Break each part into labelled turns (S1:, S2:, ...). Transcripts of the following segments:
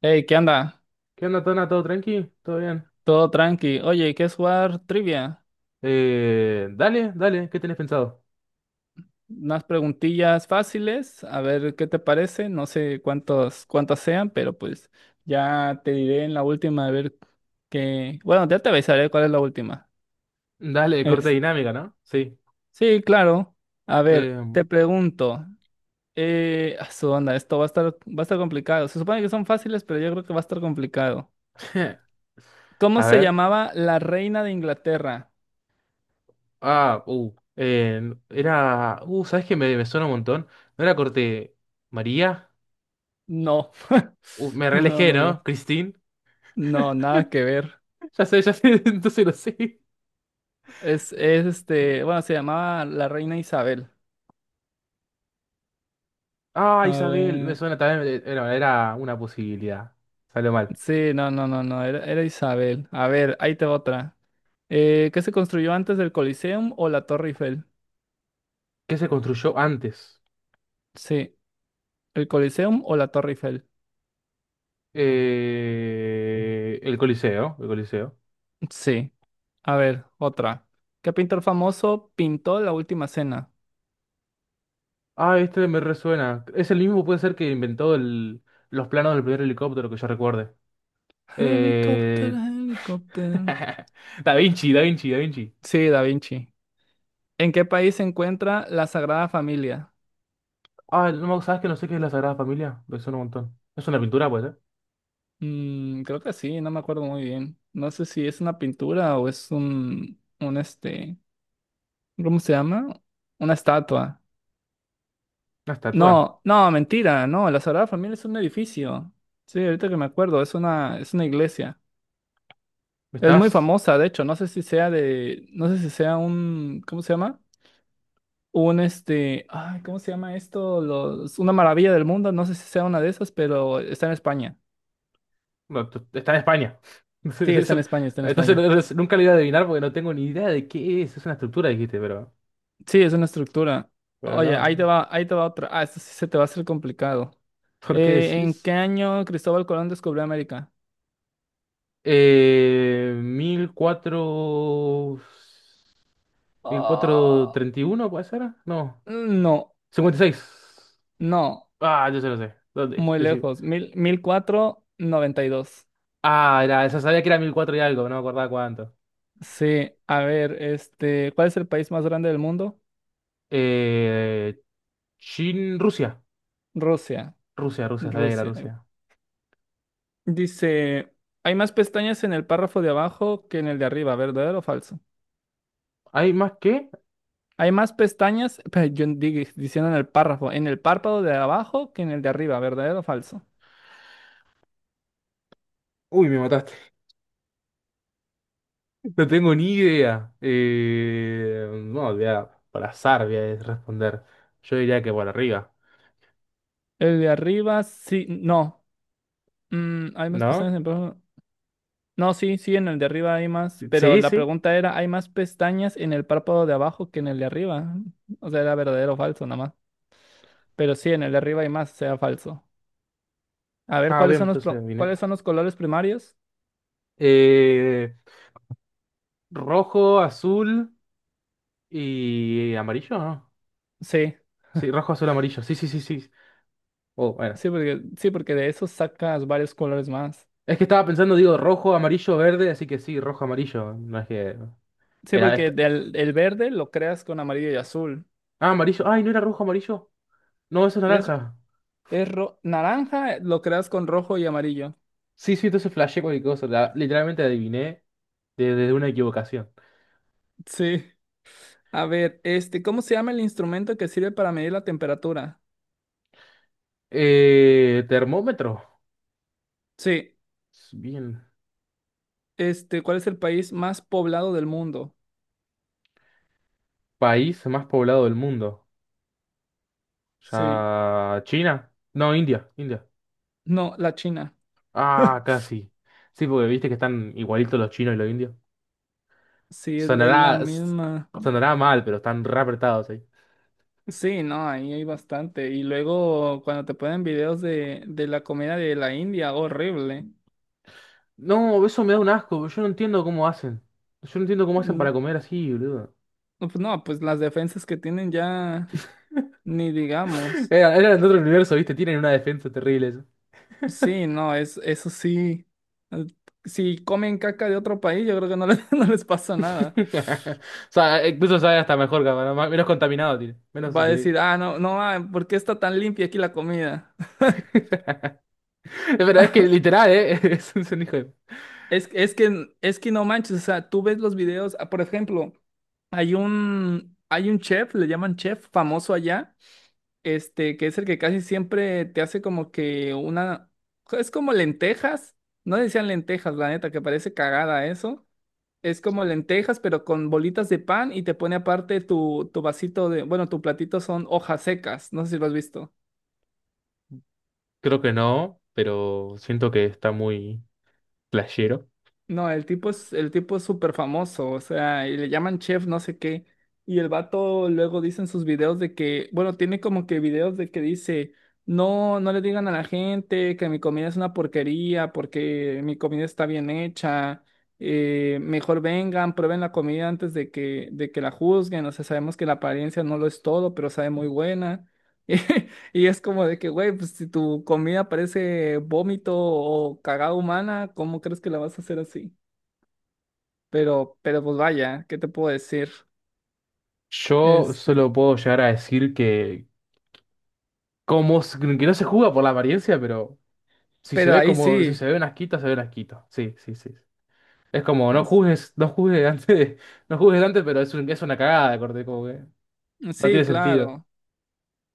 S1: Hey, ¿qué anda?
S2: ¿Qué onda, Tona? ¿Todo tranqui? ¿Todo bien?
S1: Todo tranqui. Oye, ¿quieres jugar trivia?
S2: Dale, ¿qué tenés pensado?
S1: Unas preguntillas fáciles, a ver qué te parece. No sé cuántos, cuántas sean, pero pues ya te diré en la última a ver qué. Bueno, ya te avisaré cuál es la última.
S2: Dale, corte
S1: Es-
S2: dinámica, ¿no? Sí.
S1: Sí, claro. A ver,
S2: Eh,
S1: te pregunto. A su onda, esto va a estar complicado. Se supone que son fáciles, pero yo creo que va a estar complicado. ¿Cómo
S2: a
S1: se
S2: ver.
S1: llamaba la reina de Inglaterra?
S2: Ah, era. ¿Sabes qué me suena un montón? ¿No era corte María?
S1: No.
S2: Me
S1: No,
S2: relejé,
S1: no, no.
S2: ¿no? ¿Christine?
S1: No, nada que ver.
S2: Ya sé, entonces lo sé.
S1: Es este, bueno, se llamaba la reina Isabel.
S2: Ah,
S1: A
S2: Isabel, me
S1: ver,
S2: suena también. Era una posibilidad. Salió mal.
S1: sí, no, no, no, no, era Isabel. A ver, ahí te va otra. ¿Qué se construyó antes del Coliseum o la Torre Eiffel?
S2: ¿Qué se construyó antes?
S1: Sí, el Coliseum o la Torre Eiffel.
S2: El Coliseo.
S1: Sí, a ver, otra. ¿Qué pintor famoso pintó la última cena?
S2: Ah, este me resuena. Es el mismo, puede ser que inventó los planos del primer helicóptero que yo recuerde. Eh...
S1: Helicóptero, helicóptero.
S2: Da Vinci.
S1: Sí, Da Vinci. ¿En qué país se encuentra la Sagrada Familia?
S2: Ah, no, ¿sabes que no sé qué es la Sagrada Familia? Me suena un montón. ¿Es una pintura, puede ser?
S1: Creo que sí, no me acuerdo muy bien. No sé si es una pintura o es un este, ¿cómo se llama? Una estatua.
S2: ¿Una estatua?
S1: No, no, mentira, no, la Sagrada Familia es un edificio. Sí, ahorita que me acuerdo, es una iglesia. Es muy
S2: Estás...
S1: famosa, de hecho, no sé si sea un, ¿cómo se llama? Un este, ay, ¿cómo se llama esto? Una maravilla del mundo, no sé si sea una de esas, pero está en España.
S2: No, tú- está en España.
S1: Sí, está en
S2: Eso...
S1: España, está en
S2: Entonces
S1: España.
S2: nunca lo iba a adivinar porque no tengo ni idea de qué es. Es una estructura, dijiste, pero...
S1: Sí, es una estructura.
S2: Pero
S1: Oye,
S2: no,
S1: ahí te
S2: no.
S1: va, ahí te va otra. Ah, esto sí se te va a hacer complicado.
S2: ¿Por qué
S1: ¿En qué
S2: decís?
S1: año Cristóbal Colón descubrió América?
S2: 1400... ¿El cuatrocientos
S1: Ah,
S2: treinta y uno puede ser? No.
S1: no,
S2: Cincuenta y seis.
S1: no,
S2: Ah, yo se lo sé. ¿Dónde?
S1: muy
S2: Decir.
S1: lejos. Mil cuatrocientos noventa y dos.
S2: Ah, era, esa sabía que era 1004 y algo, no me acordaba cuánto.
S1: Sí, a ver, este, ¿cuál es el país más grande del mundo?
S2: Eh, Chin, Rusia.
S1: Rusia,
S2: Rusia, Rusia, sabía que era
S1: Rusia.
S2: Rusia.
S1: Dice, hay más pestañas en el párrafo de abajo que en el de arriba, ¿verdadero o falso?
S2: ¿Hay más que?
S1: Hay más pestañas, diciendo en el párrafo, en el párpado de abajo que en el de arriba, ¿verdadero o falso?
S2: Uy, me mataste. No tengo ni idea. No, por azar voy a responder. Yo diría que por arriba,
S1: El de arriba sí, no. Hay más pestañas
S2: ¿no?
S1: en el párpado. No, sí, sí, en el de arriba hay más, pero
S2: Sí,
S1: la
S2: sí.
S1: pregunta era, ¿hay más pestañas en el párpado de abajo que en el de arriba? O sea, era verdadero o falso nada más. Pero sí, en el de arriba hay más, sea falso. A ver,
S2: Ah, bien, entonces vine.
S1: cuáles son los colores primarios?
S2: Eh, rojo, azul y amarillo, ¿no?
S1: Sí,
S2: Sí, rojo, azul, amarillo. Sí, sí, sí, sí. Oh, bueno.
S1: sí, porque de esos sacas varios colores más.
S2: Es que estaba pensando, digo, rojo, amarillo, verde, así que sí, rojo, amarillo. No es que.
S1: Sí,
S2: Era
S1: porque
S2: este-
S1: el verde lo creas con amarillo y azul.
S2: Ah, amarillo. Ay, ¿no era rojo, amarillo? No, eso es
S1: Es,
S2: naranja.
S1: Naranja, lo creas con rojo y amarillo.
S2: Sí, sí, entonces flashé cualquier cosa. Literalmente adiviné desde una equivocación.
S1: Sí. A ver, este, ¿cómo se llama el instrumento que sirve para medir la temperatura?
S2: Termómetro.
S1: Sí.
S2: Bien.
S1: Este, ¿cuál es el país más poblado del mundo?
S2: País más poblado del mundo.
S1: Sí.
S2: Ya. ¿China? No, India. India.
S1: No, la China.
S2: Ah, casi. Sí, sí, porque viste que están igualitos los chinos y los indios.
S1: Sí, es la
S2: Sonará, s-
S1: misma.
S2: sonará mal, pero están re apretados ahí.
S1: Sí, no, ahí hay bastante. Y luego cuando te ponen videos de la comida de la India, horrible.
S2: No, eso me da un asco, yo no entiendo cómo hacen. Yo no entiendo cómo hacen para
S1: Mm,
S2: comer así, boludo.
S1: No, pues no, pues las defensas que tienen ya, ni digamos.
S2: Eran de otro universo, ¿viste? Tienen una defensa terrible eso.
S1: Sí, no, eso sí. eh, Si comen caca de otro país, yo creo que no les, no les pasa nada.
S2: O sea, incluso sabe hasta mejor, capaz, menos contaminado tiene. Menos
S1: Va a
S2: increíble.
S1: decir, ah, no, no, ah, ¿por qué está tan limpia aquí la comida?
S2: Pero es que literal, ¿eh? Es un hijo de...
S1: Es que no manches, o sea, tú ves los videos, ah, por ejemplo, hay un chef, le llaman chef famoso allá, este, que es el que casi siempre te hace como que una, es como lentejas, no decían lentejas, la neta, que parece cagada eso. Es como lentejas, pero con bolitas de pan y te pone aparte tu, vasito de, bueno, tu platito son hojas secas, no sé si lo has visto.
S2: Creo que no, pero siento que está muy flashero.
S1: No, el tipo es súper famoso, o sea, y le llaman chef no sé qué. Y el vato luego dice en sus videos de que, bueno, tiene como que videos de que dice, no, no le digan a la gente que mi comida es una porquería porque mi comida está bien hecha. Mejor vengan, prueben la comida antes de que la juzguen. O sea, sabemos que la apariencia no lo es todo, pero sabe muy buena. Y es como de que, güey, pues si tu comida parece vómito o cagada humana, ¿cómo crees que la vas a hacer así? Pero pues vaya, ¿qué te puedo decir?
S2: Yo
S1: Este,
S2: solo puedo llegar a decir que... que no se juega por la apariencia, pero... Si se
S1: pero
S2: ve
S1: ahí
S2: como, si
S1: sí,
S2: se ve una asquito, se ve una asquito. Sí, sí, sí. Es como, no juzgues, no juzgues antes, pero es una cagada de corte, como que no
S1: sí,
S2: tiene sentido.
S1: claro.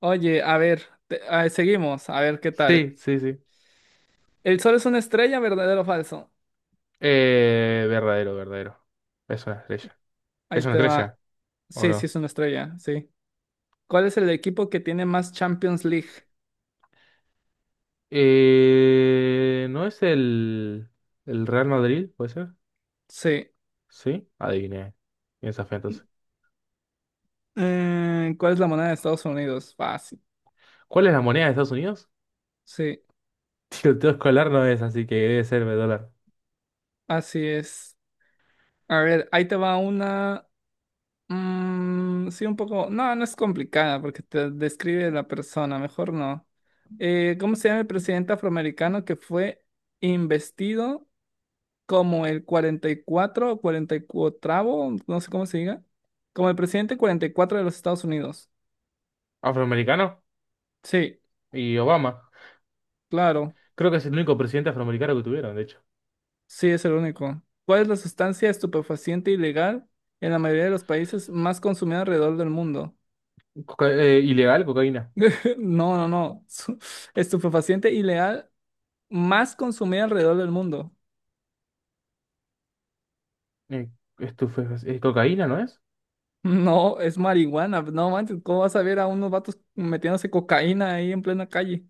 S1: Oye, a ver, seguimos, a ver qué tal.
S2: Sí, sí, sí.
S1: ¿El sol es una estrella, verdadero o falso?
S2: Verdadero. Es una estrella.
S1: Ahí
S2: ¿Es una
S1: te va.
S2: estrella o
S1: Sí, sí,
S2: no?
S1: es una estrella, sí. ¿Cuál es el equipo que tiene más Champions League?
S2: ¿No es el Real Madrid, puede ser?
S1: Sí.
S2: Sí, adiviné. Piensa fe entonces.
S1: ¿Cuál es la moneda de Estados Unidos? Fácil.
S2: ¿Cuál es la moneda de Estados Unidos?
S1: Sí,
S2: Tiroteo escolar no es, así que debe ser el dólar.
S1: así es. A ver, ahí te va una. Sí, un poco. No, no es complicada porque te describe la persona, mejor no. ¿Cómo se llama el presidente afroamericano que fue investido como el 44 o 44avo? No sé cómo se diga. Como el presidente 44 de los Estados Unidos.
S2: ¿Afroamericano?
S1: Sí,
S2: ¿Y Obama?
S1: claro.
S2: Creo que es el único presidente afroamericano que tuvieron, de hecho.
S1: Sí, es el único. ¿Cuál es la sustancia estupefaciente ilegal en la mayoría de los países más consumida alrededor del mundo?
S2: Ilegal, cocaína.
S1: No, no, no. Estupefaciente ilegal más consumida alrededor del mundo.
S2: Eh, cocaína, ¿no es?
S1: No, es marihuana. No manches, ¿cómo vas a ver a unos vatos metiéndose cocaína ahí en plena calle?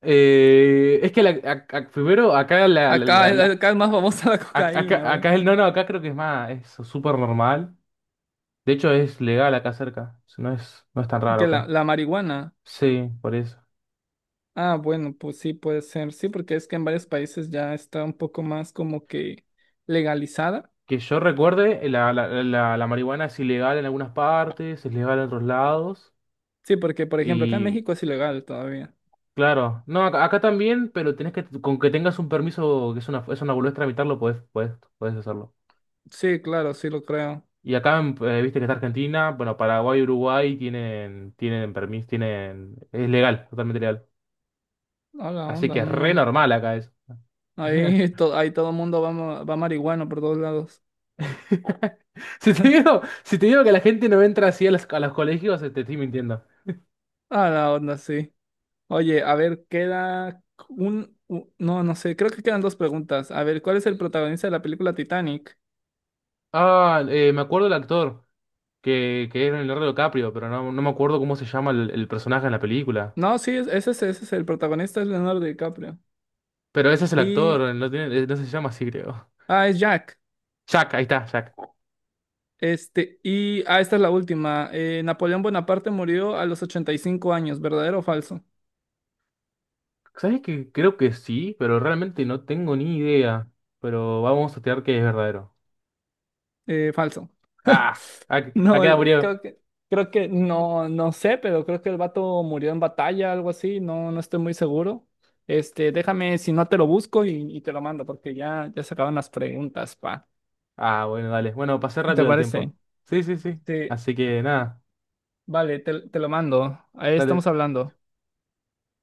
S2: Es que primero acá
S1: Acá, eh, acá es más famosa la cocaína,
S2: acá,
S1: güey,
S2: acá el no, no, acá creo que es más, es súper normal. De hecho es legal acá cerca. O sea, no es, no es tan raro
S1: que la,
S2: acá.
S1: la marihuana.
S2: Sí, por eso.
S1: Ah, bueno, pues sí puede ser. Sí, porque es que en varios países ya está un poco más como que legalizada.
S2: Que yo recuerde, la marihuana es ilegal en algunas partes, es legal en otros lados.
S1: Sí, porque por ejemplo acá en México es ilegal todavía.
S2: Claro, no, acá también, pero tenés que, con que tengas un permiso, que es es una boludez tramitarlo, podés hacerlo.
S1: Sí, claro, sí lo creo.
S2: Y acá, en, viste que está Argentina, bueno, Paraguay y Uruguay tienen, tienen permiso, es legal, totalmente legal.
S1: Hola,
S2: Así
S1: onda,
S2: que es
S1: no,
S2: re
S1: no.
S2: normal acá eso.
S1: Ahí todo el mundo va, va marihuano por todos lados.
S2: Si te digo, si te digo que la gente no entra así a a los colegios, te estoy mintiendo.
S1: Ah, la onda, sí. Oye, a ver, queda No, no sé, creo que quedan dos preguntas. A ver, ¿cuál es el protagonista de la película Titanic?
S2: Ah, me acuerdo del actor, que era Leonardo DiCaprio, pero no, no me acuerdo cómo se llama el personaje en la película.
S1: No, sí, ese es el protagonista, es Leonardo DiCaprio.
S2: Pero ese es el
S1: Y...
S2: actor, no tiene, no se llama así, creo.
S1: Ah, es Jack.
S2: Jack, ahí está, Jack.
S1: Este, y... Ah, esta es la última. Napoleón Bonaparte murió a los 85 años, ¿verdadero o falso?
S2: ¿Sabes que creo que sí, pero realmente no tengo ni idea? Pero vamos a tirar que es verdadero.
S1: Falso.
S2: Ah,
S1: No,
S2: acá murió.
S1: creo que, no, no sé, pero creo que el vato murió en batalla, algo así, no, no estoy muy seguro. Este, déjame, si no te lo busco y te lo mando, porque ya se acaban las preguntas, pa.
S2: Ah, bueno, dale. Bueno, pasé
S1: ¿Te
S2: rápido el
S1: parece?
S2: tiempo. Sí, sí, sí.
S1: Sí,
S2: Así que nada,
S1: vale, te lo mando. Ahí estamos
S2: dale.
S1: hablando.